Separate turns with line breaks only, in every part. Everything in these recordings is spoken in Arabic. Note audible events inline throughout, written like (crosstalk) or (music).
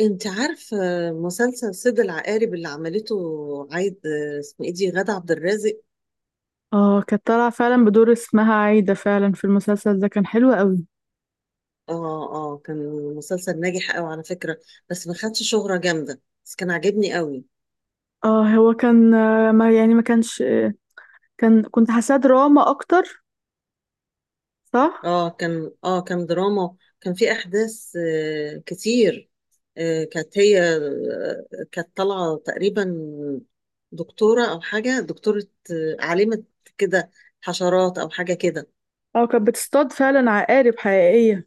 انت عارفه مسلسل صيد العقارب اللي عملته عايد؟ اسمه ايه دي؟ غادة عبد الرازق.
اه، كانت طالعة فعلا بدور اسمها عايدة فعلا في المسلسل ده، كان حلو قوي.
اه اه، كان مسلسل ناجح قوي على فكره. بس ما خدش شهره جامده، بس كان عاجبني قوي.
اه هو كان، ما يعني ما كانش. كنت حاساه دراما اكتر. صح.
اه، كان دراما، كان في احداث كتير. كانت هي، كانت طالعه تقريبا دكتوره او حاجه، دكتوره، عالمه كده، حشرات او حاجه كده.
اه، كانت بتصطاد فعلا عقارب حقيقية.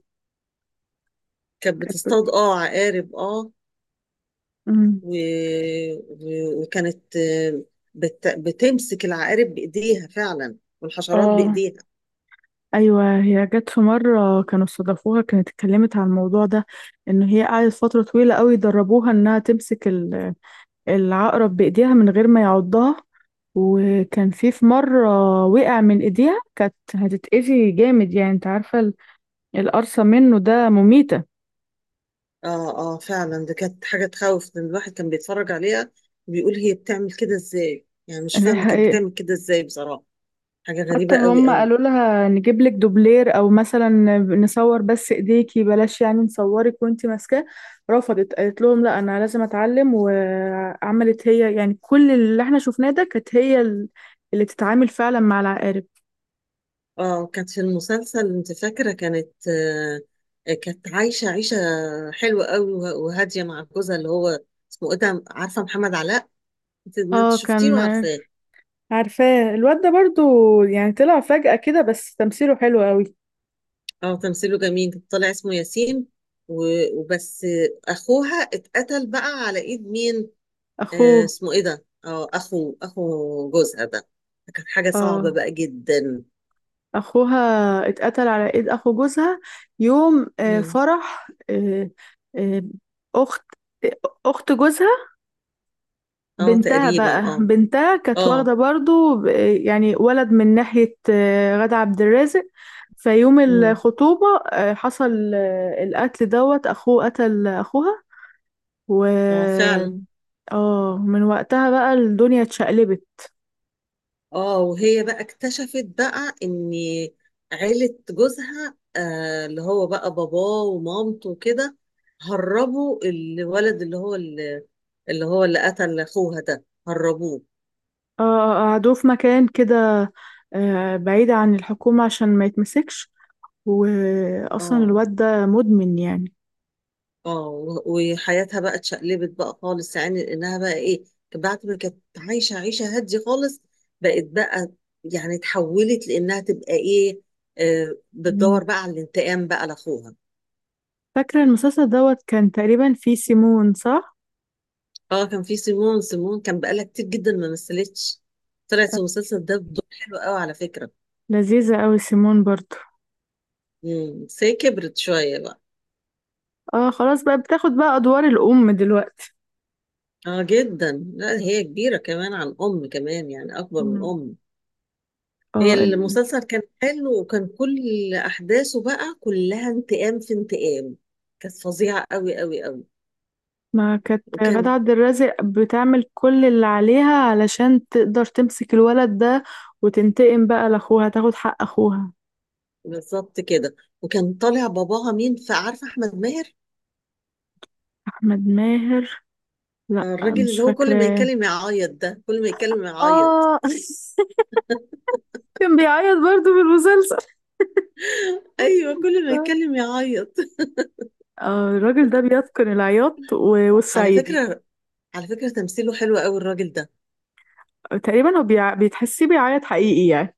كانت
كانت بت-
بتصطاد عقارب اه
مم.
و... وكانت، بتمسك العقارب بايديها فعلا، والحشرات
اه
بايديها.
ايوه، هي جت في مرة كانوا استضافوها، كانت اتكلمت عن الموضوع ده، ان هي قعدت فترة طويلة قوي دربوها انها تمسك العقرب بايديها من غير ما يعضها. وكان في مرة وقع من ايديها، كانت هتتأذي جامد يعني، انت عارفة القرصة منه ده مميتة.
اه اه فعلا، ده كانت حاجه تخوف ان الواحد كان بيتفرج عليها وبيقول هي بتعمل كده ازاي؟ يعني مش
(laughs) دي
فاهمه كانت
حقيقة.
بتعمل كده ازاي بصراحه. حاجه
حتى
غريبه قوي
هم
قوي.
قالوا لها نجيب لك دوبلير، او مثلا نصور بس ايديكي بلاش يعني، نصورك وانتي ماسكاه. رفضت، قالت لهم لا انا لازم اتعلم، وعملت هي يعني كل اللي احنا شفناه ده، كانت هي اللي تتعامل فعلا مع العقارب.
اه، كانت في المسلسل، انت فاكره؟ كانت كانت عايشه عيشه حلوه قوي وهاديه مع جوزها، اللي هو اسمه ايه ده، عارفه؟ محمد علاء. انت ما انت
اه
شفتيه
كان.
وعارفاه.
عارفاه الواد ده برضو، يعني طلع فجأة كده بس تمثيله حلو قوي.
اه، تمثيله جميل، طلع اسمه ياسين. وبس. اخوها اتقتل بقى على ايد مين؟
اخوه
اسمه ايه ده؟ اه اخو جوزها ده. كانت حاجة صعبة
اه
بقى جدا.
اخوها اتقتل على ايد اخو جوزها يوم
مم.
فرح. آه، اخت اخت جوزها،
اه،
بنتها
تقريبا
بقى
اه
بنتها كانت
اه.
واخده برضو يعني ولد من ناحيه غادة عبد الرازق. فيوم
مم.
الخطوبه حصل القتل، دوت اخوه قتل اخوها و
اه، فعلا.
اه من وقتها بقى الدنيا اتشقلبت.
اه، وهي بقى اكتشفت بقى ان عيلة جوزها، اللي هو بقى، باباه ومامته وكده، هربوا الولد، اللي قتل اخوها ده، هربوه.
اه قعدوه في مكان كده بعيد عن الحكومة عشان ما يتمسكش، واصلا
اه.
الواد ده مدمن يعني.
اه وحياتها بقى اتشقلبت بقى خالص، يعني لانها بقى ايه، بعد ما كانت عايشه عيشه هاديه خالص، بقت بقى، يعني اتحولت، لانها تبقى ايه،
مم.
بتدور بقى على الانتقام بقى لاخوها.
فاكرة المسلسل دوت كان تقريبا فيه سيمون، صح؟
اه، كان في سيمون. سيمون كان بقالها كتير جدا ما مثلتش، طلعت في المسلسل ده بدور حلو قوي على فكره.
لذيذة قوي سيمون برضو.
بس هي كبرت شويه بقى.
اه خلاص بقى بتاخد بقى ادوار الام دلوقتي.
اه جدا، لا هي كبيره كمان عن ام، كمان يعني اكبر من
مم.
ام. هي
اه
المسلسل كان حلو، وكان كل احداثه بقى كلها انتقام في انتقام، كانت فظيعه قوي قوي قوي.
ما كانت غادة
وكان
عبد الرازق بتعمل كل اللي عليها علشان تقدر تمسك الولد ده وتنتقم بقى لاخوها، تاخد حق اخوها.
بالظبط كده. وكان طالع باباها مين؟ فعارفه احمد ماهر.
احمد ماهر؟ لا
الراجل
مش
اللي هو كل ما
فاكراه.
يتكلم يعيط ده، كل ما يتكلم يعيط.
اه (laughs) كان بيعيط برضو في المسلسل.
ايوه كل ما يتكلم يعيط.
آه، الراجل ده بيتقن العياط
(laughs) على
والصعيدي.
فكره، على فكره تمثيله حلو قوي الراجل ده.
تقريبا هو بيتحسيه بيعيط حقيقي يعني.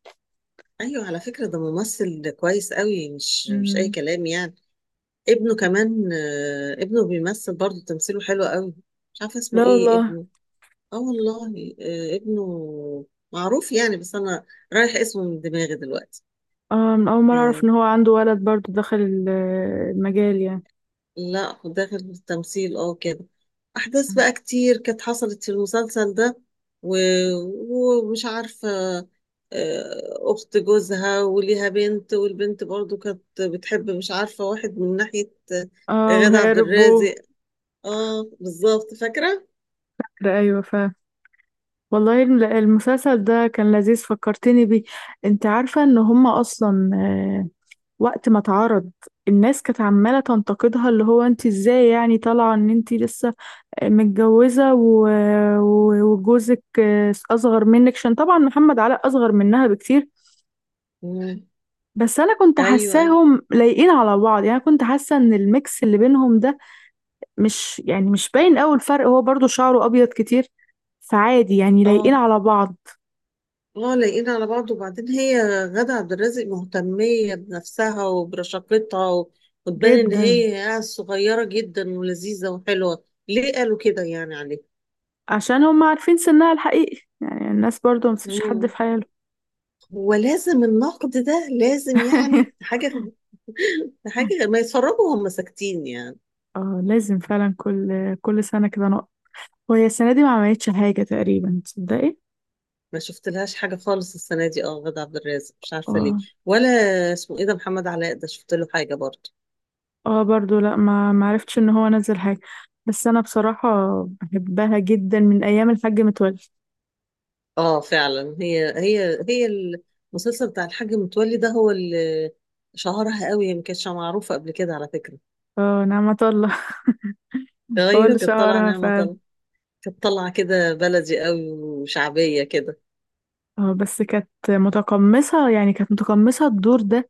ايوه على فكره، ده ممثل كويس قوي، مش اي
مم.
كلام يعني. ابنه كمان، ابنه بيمثل برضه، تمثيله حلو قوي. مش عارفه اسمه
لا
ايه
والله.
ابنه. اه والله. ابنه معروف يعني، بس انا رايح اسمه من دماغي دلوقتي.
أول مرة أعرف
آه
إن هو عنده ولد برضه دخل المجال يعني.
لا، هو داخل في التمثيل كده. احداث
مم.
بقى كتير كانت حصلت في المسلسل ده. و... ومش عارفه، اخت جوزها وليها بنت، والبنت برضو كانت بتحب مش عارفه واحد من ناحيه،
اه
غادة عبد
وهربوا.
الرازق. اه بالظبط فاكره.
لا أيوة والله المسلسل ده كان لذيذ، فكرتني بيه. أنت عارفة إن هما أصلا وقت ما اتعرض الناس كانت عمالة تنتقدها، اللي هو أنت إزاي يعني طالعة إن أنت لسه متجوزة، وجوزك أصغر منك؟ عشان طبعا محمد علاء أصغر منها بكتير.
مم.
بس أنا كنت
ايوه، ايوه.
حاساهم لايقين على بعض يعني، كنت حاسة إن الميكس اللي بينهم ده مش باين أوي الفرق، هو برضو شعره أبيض كتير، فعادي يعني لايقين
اه
على بعض.
اه، لاقيين على بعض. وبعدين هي غادة عبد الرازق مهتمية بنفسها وبرشاقتها، وتبان ان
جدا.
هي صغيرة جدا ولذيذة وحلوة. ليه قالوا كده يعني عليه؟
عشان هم عارفين سنها الحقيقي يعني، الناس برضو ما تسيبش حد
مم.
في حاله.
ولازم النقد ده لازم، يعني
(laughs)
(laughs) ما يتفرجوا وهم ساكتين يعني.
اه لازم فعلا كل سنة كده نقط. وهي السنة دي ما عملتش حاجة تقريبا، تصدقي؟
ما شفت لهاش حاجة خالص السنة دي اه، غادة عبد الرازق مش عارفة ليه.
اه.
ولا اسمه ايه ده، محمد علاء ده، شفت له حاجة برضه.
اه برضو، لا ما معرفتش ان هو نزل حاجة. بس انا بصراحة بحبها جدا من ايام الحاج متولي.
اه فعلا، هي المسلسل بتاع الحاج متولي ده هو اللي شهرها قوي، هي ما كانتش معروفه قبل كده على فكره.
اه نعمة الله. (laughs) هو
غيره
اللي
كانت طالعه،
شهرها
نعمه،
فعلا.
طالعه كانت طالعه كده بلدي قوي وشعبيه كده.
اه بس كانت متقمصة الدور ده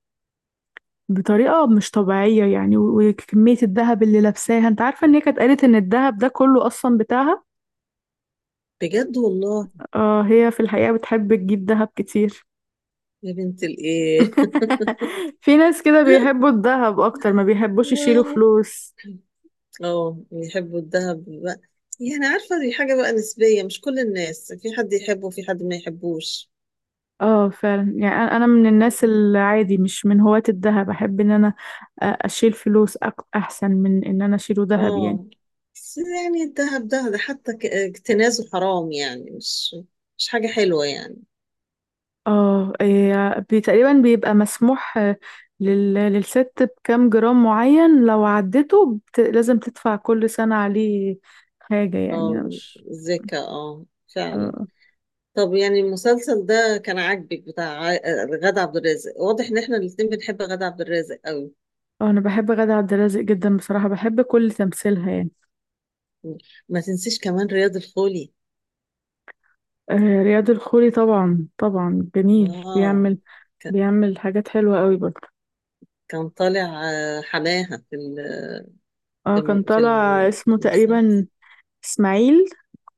بطريقة مش طبيعية يعني. وكمية الذهب اللي لابساها، انت عارفة ان هي كانت قالت ان الذهب ده كله اصلا بتاعها.
بجد والله.
اه هي في الحقيقة بتحب تجيب ذهب كتير.
يا بنت الايه. (laughs)
(laughs) في ناس كده بيحبوا الذهب اكتر ما بيحبوش يشيلوا
اه،
فلوس.
يحبوا الذهب بقى، يعني عارفه دي حاجه بقى نسبيه، مش كل الناس، في حد يحبه وفي حد ما يحبوش.
اه فعلا يعني أنا من الناس العادي، مش من هواة الذهب، احب ان انا اشيل فلوس، احسن من ان انا اشيله ذهب يعني.
اه، بس يعني الذهب ده، حتى اكتنازه حرام يعني، مش مش حاجة حلوة يعني.
اه إيه، تقريبا بيبقى مسموح آه، للست بكام جرام معين، لو عدته، لازم تدفع كل سنة عليه حاجة يعني. انا
اه،
مش.
زكا اه، فعلا.
اه
طب يعني المسلسل ده كان عاجبك بتاع غادة عبد الرازق؟ واضح ان احنا الاتنين بنحب غادة عبد الرازق قوي.
انا بحب غادة عبد الرازق جدا بصراحة، بحب كل تمثيلها يعني.
ما تنسيش كمان رياض الخولي.
رياض الخولي طبعا طبعا، جميل.
اه،
بيعمل
ك-
بيعمل حاجات حلوة قوي برضه.
كان طالع، حماها
اه كان طالع. اسمه
في المسلسل.
تقريبا اسماعيل،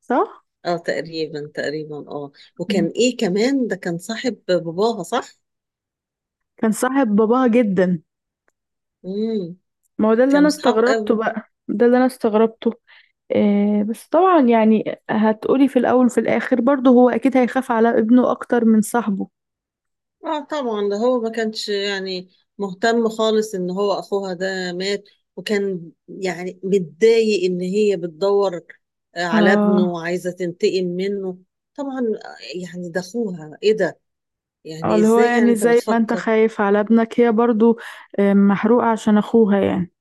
صح؟
اه تقريبا، تقريبا اه. وكان
مم.
ايه كمان، ده كان صاحب باباها، صح.
كان صاحب باباها جدا.
امم،
ما هو ده اللي
كانوا
انا
صحاب قوي.
استغربته بقى، ده اللي انا استغربته. بس طبعا يعني هتقولي في الاول وفي الاخر برضه هو اكيد هيخاف على ابنه اكتر من صاحبه.
اه طبعا، ده هو ما كانش يعني مهتم خالص ان هو اخوها ده مات، وكان يعني متضايق ان هي بتدور، على ابنه
اه
وعايزه تنتقم منه. طبعا، يعني ده اخوها ايه ده، يعني
اللي هو
ازاي، يعني
يعني
انت
زي ما انت
بتفكر.
خايف على ابنك، هي برضه محروقة عشان اخوها يعني.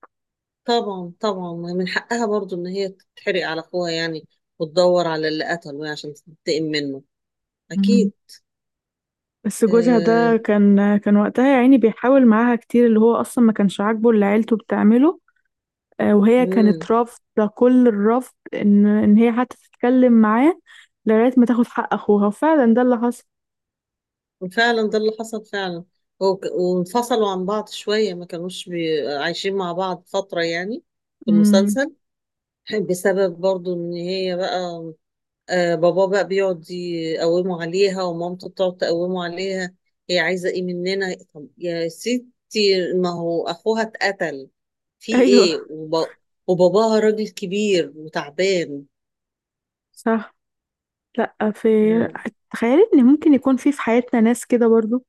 طبعا، طبعا، ما من حقها برضو ان هي تتحرق على اخوها يعني، وتدور على اللي قتله يعني عشان تنتقم منه،
مم.
اكيد.
بس جوزها ده كان وقتها يا عيني بيحاول معاها كتير، اللي هو اصلا ما كانش عاجبه اللي عيلته بتعمله. وهي
امم.
كانت رافضة كل الرفض إن هي حتى تتكلم معاه، لغاية ما تاخد حق أخوها، وفعلا ده اللي حصل.
فعلا ده اللي حصل فعلا. وانفصلوا عن بعض شوية، ما كانوش عايشين مع بعض فترة يعني في
امم
المسلسل. (laughs) بسبب برضو ان هي بقى، آه بابا بقى بيقعد يقوموا عليها، ومامته بتقعد تقومه عليها. هي عايزة ايه مننا؟ طب يا ستي، ما هو اخوها اتقتل في
أيوه،
ايه، وباباها راجل كبير وتعبان.
صح. لأ،
آه.
تخيلي إن ممكن يكون في حياتنا ناس كده برضو،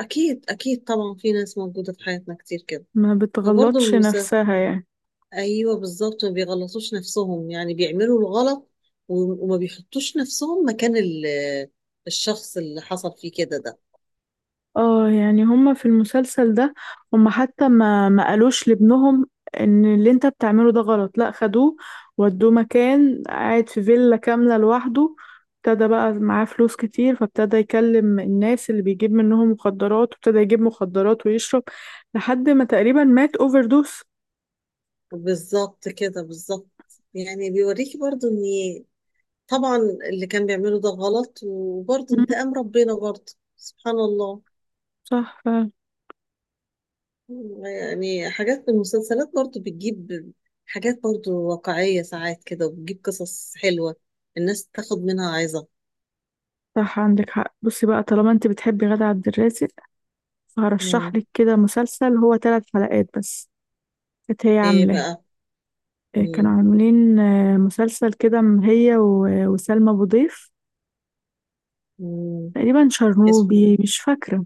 اكيد، اكيد، طبعا، في ناس موجودة في حياتنا كتير كده،
ما
فبرضه
بتغلطش نفسها يعني.
ايوه بالظبط. ما بيغلطوش نفسهم يعني، بيعملوا الغلط وما بيحطوش نفسهم مكان الشخص اللي حصل فيه كده ده.
اه يعني هما في المسلسل ده هما حتى ما قالوش لابنهم ان اللي انت بتعمله ده غلط، لا، خدوه ودوه مكان قاعد في فيلا كاملة لوحده. ابتدى بقى معاه فلوس كتير، فابتدى يكلم الناس اللي بيجيب منهم مخدرات، وابتدى يجيب مخدرات ويشرب لحد ما تقريبا مات اوفر دوس.
بالظبط كده، بالظبط. يعني بيوريكي برضو ان، طبعا، اللي كان بيعمله ده غلط، وبرضو
مم،
انتقام ربنا برضو، سبحان الله.
صح فعلا.
يعني حاجات من المسلسلات برضو بتجيب حاجات برضو واقعية ساعات كده، وبتجيب قصص حلوة الناس تاخد منها عظة.
صح، عندك حق. بصي بقى، طالما انت بتحبي غادة عبد الرازق، فهرشح
مم.
لك كده مسلسل، هو 3 حلقات بس. كانت هي
ايه
عاملاه.
بقى؟
كانوا
مم.
عاملين مسلسل كده، هي وسلمى أبو ضيف،
مم.
تقريبا
اسمه ايه؟
شرنوبي، مش فاكرة.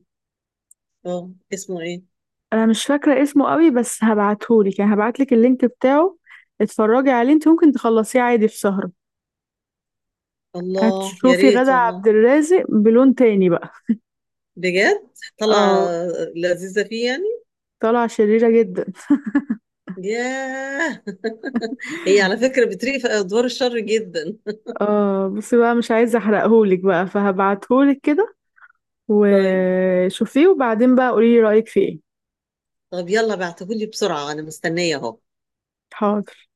اه اسمه ايه؟
أنا مش فاكرة اسمه قوي، بس هبعتهولك يعني، هبعتلك اللينك بتاعه. اتفرجي عليه، انت ممكن تخلصيه عادي في سهرة.
الله يا
هتشوفي
ريت
غادة
والله.
عبد الرازق بلون تاني بقى.
بجد؟ طلع
اه،
لذيذة فيه يعني؟
طالعة شريرة جدا.
ياه. (laughs) هي على فكرة بتريق في أدوار الشر جدا. (laughs)
اه بصي بقى، مش عايزة احرقهولك بقى، فهبعتهولك كده،
طيب.
وشوفيه، وبعدين بقى قوليلي رأيك فيه ايه.
طب يلا بعتهولي بسرعة، أنا مستنية أهو.
حاضر.